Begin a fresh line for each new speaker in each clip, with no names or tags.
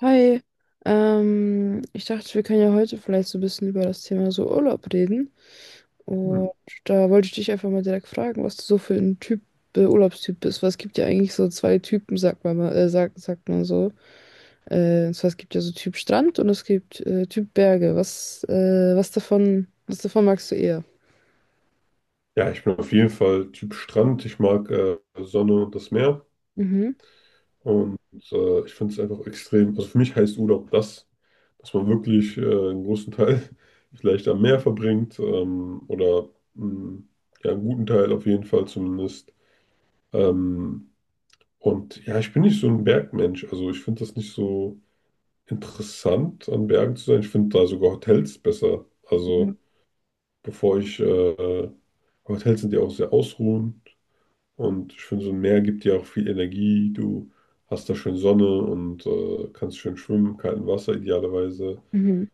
Hi, ich dachte, wir können ja heute vielleicht so ein bisschen über das Thema so Urlaub reden.
Hm.
Und da wollte ich dich einfach mal direkt fragen, was du so für ein Typ, Urlaubstyp bist. Weil es gibt ja eigentlich so zwei Typen, sagt man mal, sagt man so. Und zwar es gibt ja so Typ Strand und es gibt Typ Berge. Was davon magst du eher?
Ja, ich bin auf jeden Fall Typ Strand. Ich mag Sonne und das Meer.
Mhm.
Und ich finde es einfach extrem. Also für mich heißt Urlaub das, dass man wirklich einen großen Teil vielleicht am Meer verbringt, oder mh, ja, einen guten Teil auf jeden Fall zumindest. Ähm, und ja, ich bin nicht so ein Bergmensch. Also ich finde das nicht so interessant, an Bergen zu sein. Ich finde da sogar Hotels besser.
Mhm.
Also bevor ich, äh, Hotels sind ja auch sehr ausruhend. Und ich finde, so ein Meer gibt dir auch viel Energie. Du hast da schön Sonne und kannst schön schwimmen, kalten Wasser idealerweise.
Mhm.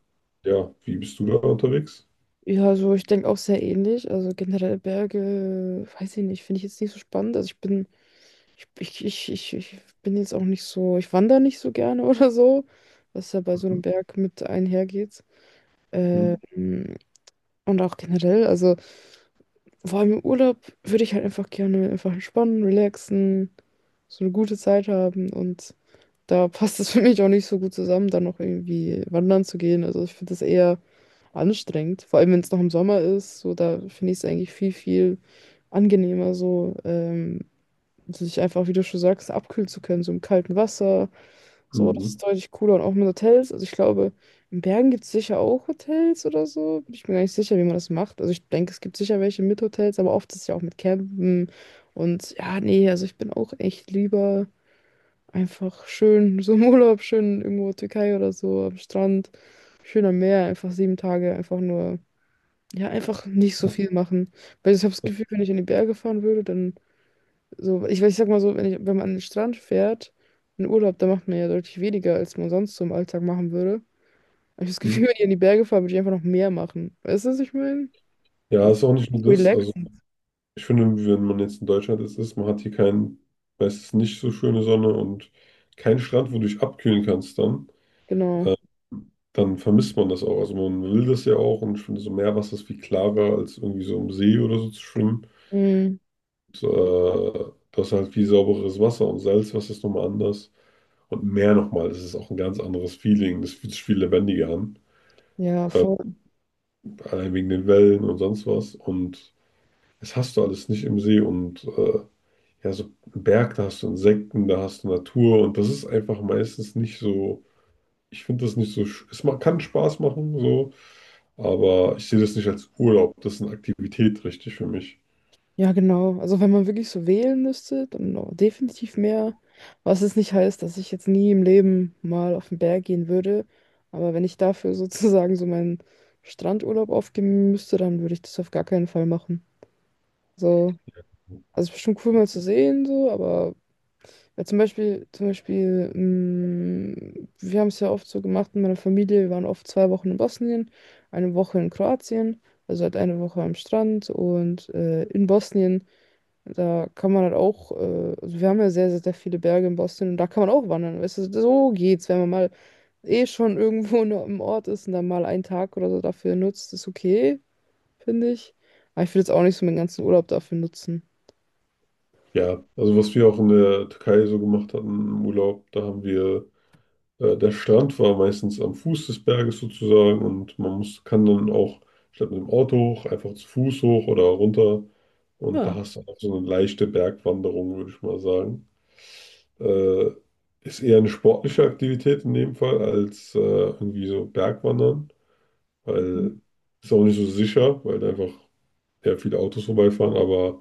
Ja, wie bist du da unterwegs?
Ja, also ich denke auch sehr ähnlich. Also generell Berge, weiß ich nicht, finde ich jetzt nicht so spannend. Ich bin jetzt auch nicht so, ich wandere nicht so gerne oder so, was ja bei so einem Berg mit einhergeht.
Mhm.
Ähm, und auch generell, also vor allem im Urlaub würde ich halt einfach gerne einfach entspannen, relaxen, so eine gute Zeit haben und da passt es für mich auch nicht so gut zusammen, dann noch irgendwie wandern zu gehen. Also ich finde das eher anstrengend, vor allem wenn es noch im Sommer ist, so da finde ich es eigentlich viel, viel angenehmer so. Und sich einfach, wie du schon sagst, abkühlen zu können, so im kalten Wasser. So, das
Mhm.
ist deutlich cooler. Und auch mit Hotels. Also ich glaube, in Bergen gibt es sicher auch Hotels oder so. Bin ich mir gar nicht sicher, wie man das macht. Also ich denke, es gibt sicher welche mit Hotels, aber oft ist es ja auch mit Campen. Und ja, nee, also ich bin auch echt lieber einfach schön, so im Urlaub, schön irgendwo Türkei oder so, am Strand, schön am Meer, einfach 7 Tage, einfach nur, ja, einfach nicht so viel machen. Weil ich habe das Gefühl, wenn ich in die Berge fahren würde, dann so, ich sag mal so, wenn man an den Strand fährt, in Urlaub, da macht man ja deutlich weniger, als man sonst so im Alltag machen würde. Aber ich habe das
Mhm.
Gefühl, wenn ich in die Berge fahre, würde ich einfach noch mehr machen. Weißt du, was ich meine?
Ja,
Also,
ist auch nicht nur das. Also
relaxen,
ich finde, wenn man jetzt in Deutschland ist, ist man hat hier kein, meistens nicht so schöne Sonne und keinen Strand, wo du dich abkühlen kannst dann,
genau.
dann vermisst man das auch. Also man will das ja auch und ich finde, so Meerwasser ist viel klarer als irgendwie so im See oder so zu schwimmen.
Mhm.
Das ist halt viel saubereres Wasser und Salzwasser ist nochmal anders. Und Meer nochmal, das ist auch ein ganz anderes Feeling. Das fühlt sich viel lebendiger an.
Ja, voll.
Allein wegen den Wellen und sonst was. Und das hast du alles nicht im See. Und ja, so einen Berg, da hast du Insekten, da hast du Natur. Und das ist einfach meistens nicht so. Ich finde das nicht so. Kann Spaß machen, so. Aber ich sehe das nicht als Urlaub. Das ist eine Aktivität, richtig, für mich.
Ja, genau. Also wenn man wirklich so wählen müsste, dann noch definitiv mehr. Was es nicht heißt, dass ich jetzt nie im Leben mal auf den Berg gehen würde. Aber wenn ich dafür sozusagen so meinen Strandurlaub aufgeben müsste, dann würde ich das auf gar keinen Fall machen. So. Also bestimmt cool mal zu sehen, so, aber ja, zum Beispiel, wir haben es ja oft so gemacht in meiner Familie, wir waren oft 2 Wochen in Bosnien, eine Woche in Kroatien, also halt eine Woche am Strand und in Bosnien, da kann man halt auch, also wir haben ja sehr, sehr, sehr viele Berge in Bosnien und da kann man auch wandern, weißt du, so geht's, wenn man mal eh schon irgendwo nur im Ort ist und dann mal einen Tag oder so dafür nutzt, ist okay, finde ich. Aber ich will jetzt auch nicht so meinen ganzen Urlaub dafür nutzen.
Ja, also was wir auch in der Türkei so gemacht hatten im Urlaub, da haben wir der Strand war meistens am Fuß des Berges sozusagen und man kann dann auch statt mit dem Auto hoch, einfach zu Fuß hoch oder runter. Und da
Ja.
hast du auch so eine leichte Bergwanderung, würde ich mal sagen. Äh, ist eher eine sportliche Aktivität in dem Fall als irgendwie so Bergwandern, weil ist auch nicht so sicher, weil da einfach ja, viele Autos vorbeifahren, aber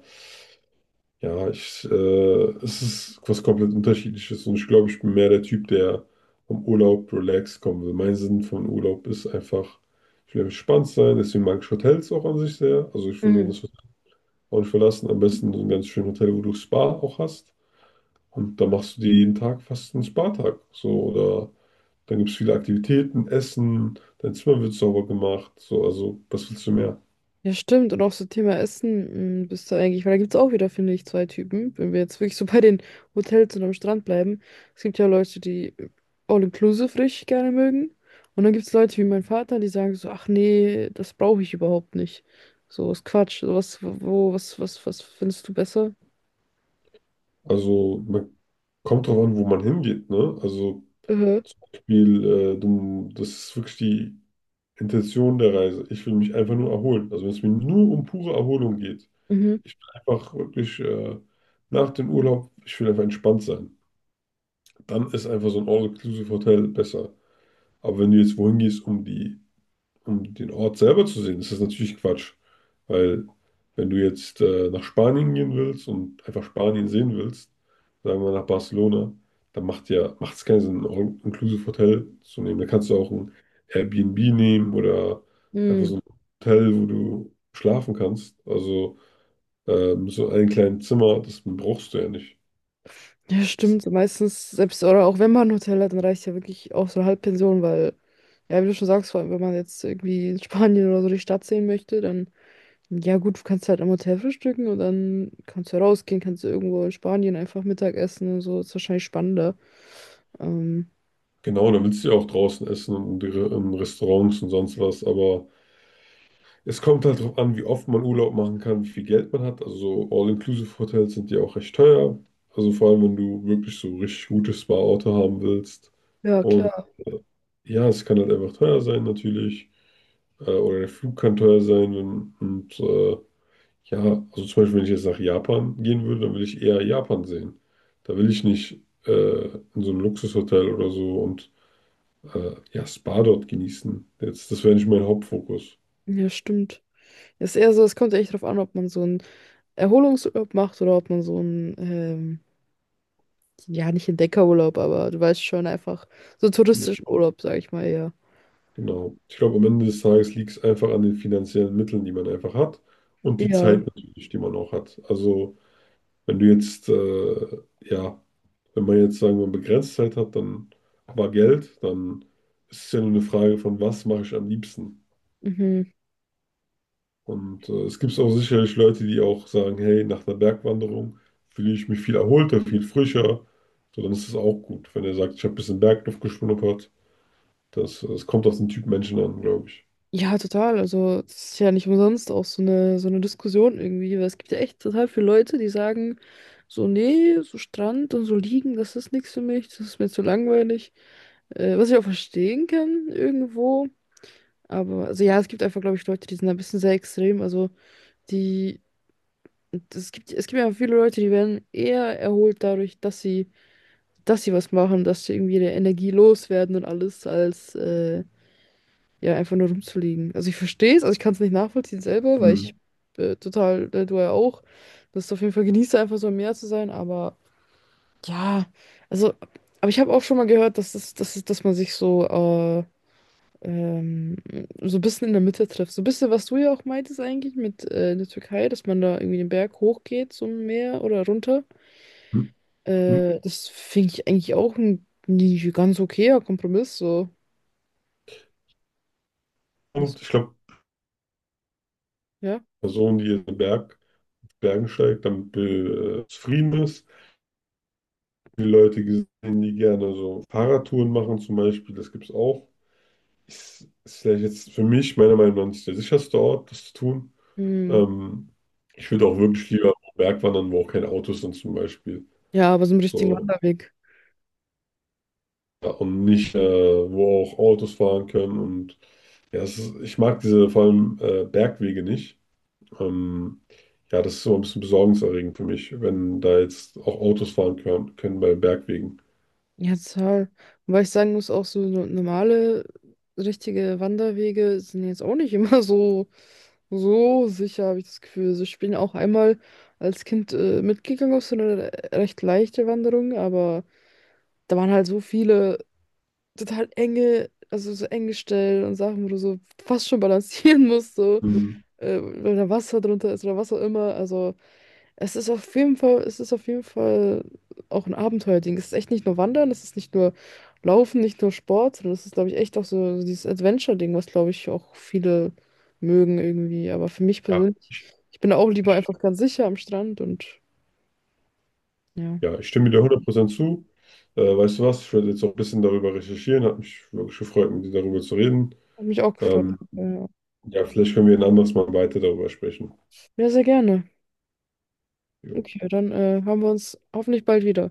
ja, es ist was komplett Unterschiedliches und ich glaube, ich bin mehr der Typ, der vom Urlaub relaxed kommen will. Mein Sinn von Urlaub ist einfach, ich will entspannt sein, deswegen mag ich Hotels auch an sich sehr. Also ich will das Hotel auch nicht verlassen, am besten so ein ganz schönes Hotel, wo du Spa auch hast. Und da machst du dir jeden Tag fast einen Spa-Tag. So, oder dann gibt es viele Aktivitäten, Essen, dein Zimmer wird sauber gemacht. So, also was willst du mehr?
Ja, stimmt. Und auch so Thema Essen, mh, bist du eigentlich, weil da gibt es auch wieder, finde ich, zwei Typen. Wenn wir jetzt wirklich so bei den Hotels und am Strand bleiben. Es gibt ja Leute, die All-Inclusive richtig gerne mögen. Und dann gibt es Leute wie mein Vater, die sagen so, ach nee, das brauche ich überhaupt nicht. So, ist Quatsch. So, was, wo, was, was, was findest du besser?
Also man kommt drauf an, wo man hingeht, ne? Also
Mhm.
Das ist wirklich die Intention der Reise. Ich will mich einfach nur erholen. Also wenn es mir nur um pure Erholung geht,
Mhm.
ich will einfach wirklich nach dem Urlaub, ich will einfach entspannt sein. Dann ist einfach so ein All-Inclusive-Hotel besser. Aber wenn du jetzt wohin gehst, um die um den Ort selber zu sehen, ist das natürlich Quatsch. Weil wenn du jetzt nach Spanien gehen willst und einfach Spanien sehen willst, sagen wir nach Barcelona, dann macht es keinen Sinn, ein All-Inclusive-Hotel zu nehmen. Da kannst du auch ein Airbnb nehmen oder einfach so
Mhm.
ein Hotel, wo du schlafen kannst. Also so ein kleines Zimmer, das brauchst du ja nicht.
Ja, stimmt. So, meistens, selbst oder auch wenn man ein Hotel hat, dann reicht ja wirklich auch so eine Halbpension, weil, ja, wie du schon sagst, vor allem, wenn man jetzt irgendwie in Spanien oder so die Stadt sehen möchte, dann ja gut, du kannst halt am Hotel frühstücken und dann kannst du rausgehen, kannst du irgendwo in Spanien einfach Mittag essen und so. Ist wahrscheinlich spannender. Ähm,
Genau, dann willst du ja auch draußen essen und in Restaurants und sonst was, aber es kommt halt darauf an, wie oft man Urlaub machen kann, wie viel Geld man hat. Also so All-Inclusive-Hotels sind ja auch recht teuer. Also vor allem, wenn du wirklich so richtig gutes Spa-Auto haben willst.
ja,
Und
klar.
äh, ja, es kann halt einfach teuer sein natürlich. Oder der Flug kann teuer sein. Ja, also zum Beispiel, wenn ich jetzt nach Japan gehen würde, dann will ich eher Japan sehen. Da will ich nicht in so einem Luxushotel oder so und ja, Spa dort genießen. Jetzt, das wäre nicht mein Hauptfokus.
Ja, stimmt. Ist eher so, es kommt echt drauf an, ob man so einen Erholungsurlaub macht oder ob man so einen, ja, nicht Entdeckerurlaub, aber du weißt schon, einfach so touristischen Urlaub, sag ich mal, ja.
Genau. Ich glaube, am Ende des Tages liegt es einfach an den finanziellen Mitteln, die man einfach hat und die
Ja.
Zeit natürlich, die man auch hat. Also, wenn du jetzt, äh, ja, wenn man jetzt sagen wir begrenzt Zeit hat, dann aber Geld, dann ist es ja nur eine Frage von, was mache ich am liebsten?
Mhm.
Und es gibt auch sicherlich Leute, die auch sagen, hey, nach einer Bergwanderung fühle ich mich viel erholter, viel frischer. So, dann ist es auch gut. Wenn er sagt, ich habe ein bisschen Bergluft geschnuppert, das kommt auf den Typ Menschen an, glaube ich.
Ja, total. Also, das ist ja nicht umsonst auch so eine Diskussion irgendwie, weil es gibt ja echt total viele Leute, die sagen, so, nee, so Strand und so liegen, das ist nichts für mich, das ist mir zu langweilig. Was ich auch verstehen kann irgendwo. Aber, also ja, es gibt einfach, glaube ich, Leute, die sind ein bisschen sehr extrem. Also, die, es gibt ja viele Leute, die werden eher erholt dadurch, dass sie was machen, dass sie irgendwie ihre Energie loswerden und alles, als, ja, einfach nur rumzuliegen. Also ich verstehe es, also ich kann es nicht nachvollziehen selber, weil ich
Mhm.
total, du ja auch, das auf jeden Fall genieße einfach so im Meer zu sein, aber ja, also, aber ich habe auch schon mal gehört, dass das, dass, es- dass man sich so, ähm, so ein bisschen in der Mitte trifft. So ein bisschen, was du ja auch meintest eigentlich mit in der Türkei, dass man da irgendwie den Berg hochgeht zum Meer oder runter. Das finde ich eigentlich auch ein ganz okayer Kompromiss, so. Weißt
Und ich glaube,
du? Ja.
Person, die in Bergen steigt, damit zufrieden ist. Die Leute gesehen, die gerne so Fahrradtouren machen, zum Beispiel, das gibt es auch. Ist vielleicht jetzt für mich, meiner Meinung nach, nicht der sicherste Ort, das zu tun.
Hm.
Ähm, Ich würde auch wirklich lieber auf Berg wandern, wo auch keine Autos sind, zum Beispiel.
Ja, aber so einen richtigen
So,
Wanderweg.
ja, und nicht, wo auch Autos fahren können. Und ja, es ist, ich mag diese vor allem Bergwege nicht. Ähm, ja, das ist so ein bisschen besorgniserregend für mich, wenn da jetzt auch Autos fahren können bei Bergwegen.
Ja, total. Und weil ich sagen muss, auch so normale, richtige Wanderwege sind jetzt auch nicht immer so, sicher, habe ich das Gefühl. Also ich bin auch einmal als Kind mitgegangen auf so eine recht leichte Wanderung, aber da waren halt so viele total enge, also so enge Stellen und Sachen, wo du so fast schon balancieren musst, so,
Mhm.
wenn da Wasser drunter ist oder was auch immer. Also. Es ist auf jeden Fall, es ist auf jeden Fall auch ein Abenteuerding. Es ist echt nicht nur Wandern, es ist nicht nur Laufen, nicht nur Sport, sondern es ist, glaube ich, echt auch so dieses Adventure-Ding, was, glaube ich, auch viele mögen irgendwie. Aber für mich
Ja,
persönlich, ich bin da auch lieber einfach ganz sicher am Strand und ja,
ja, ich stimme dir 100% zu. Weißt du was? Ich werde jetzt auch ein bisschen darüber recherchieren. Hat mich wirklich gefreut, mit dir darüber zu reden.
hat mich auch gefreut.
Ähm,
Ja, ja,
ja, vielleicht können wir ein anderes Mal weiter darüber sprechen.
ja, sehr gerne.
Jo.
Okay, dann haben wir uns hoffentlich bald wieder.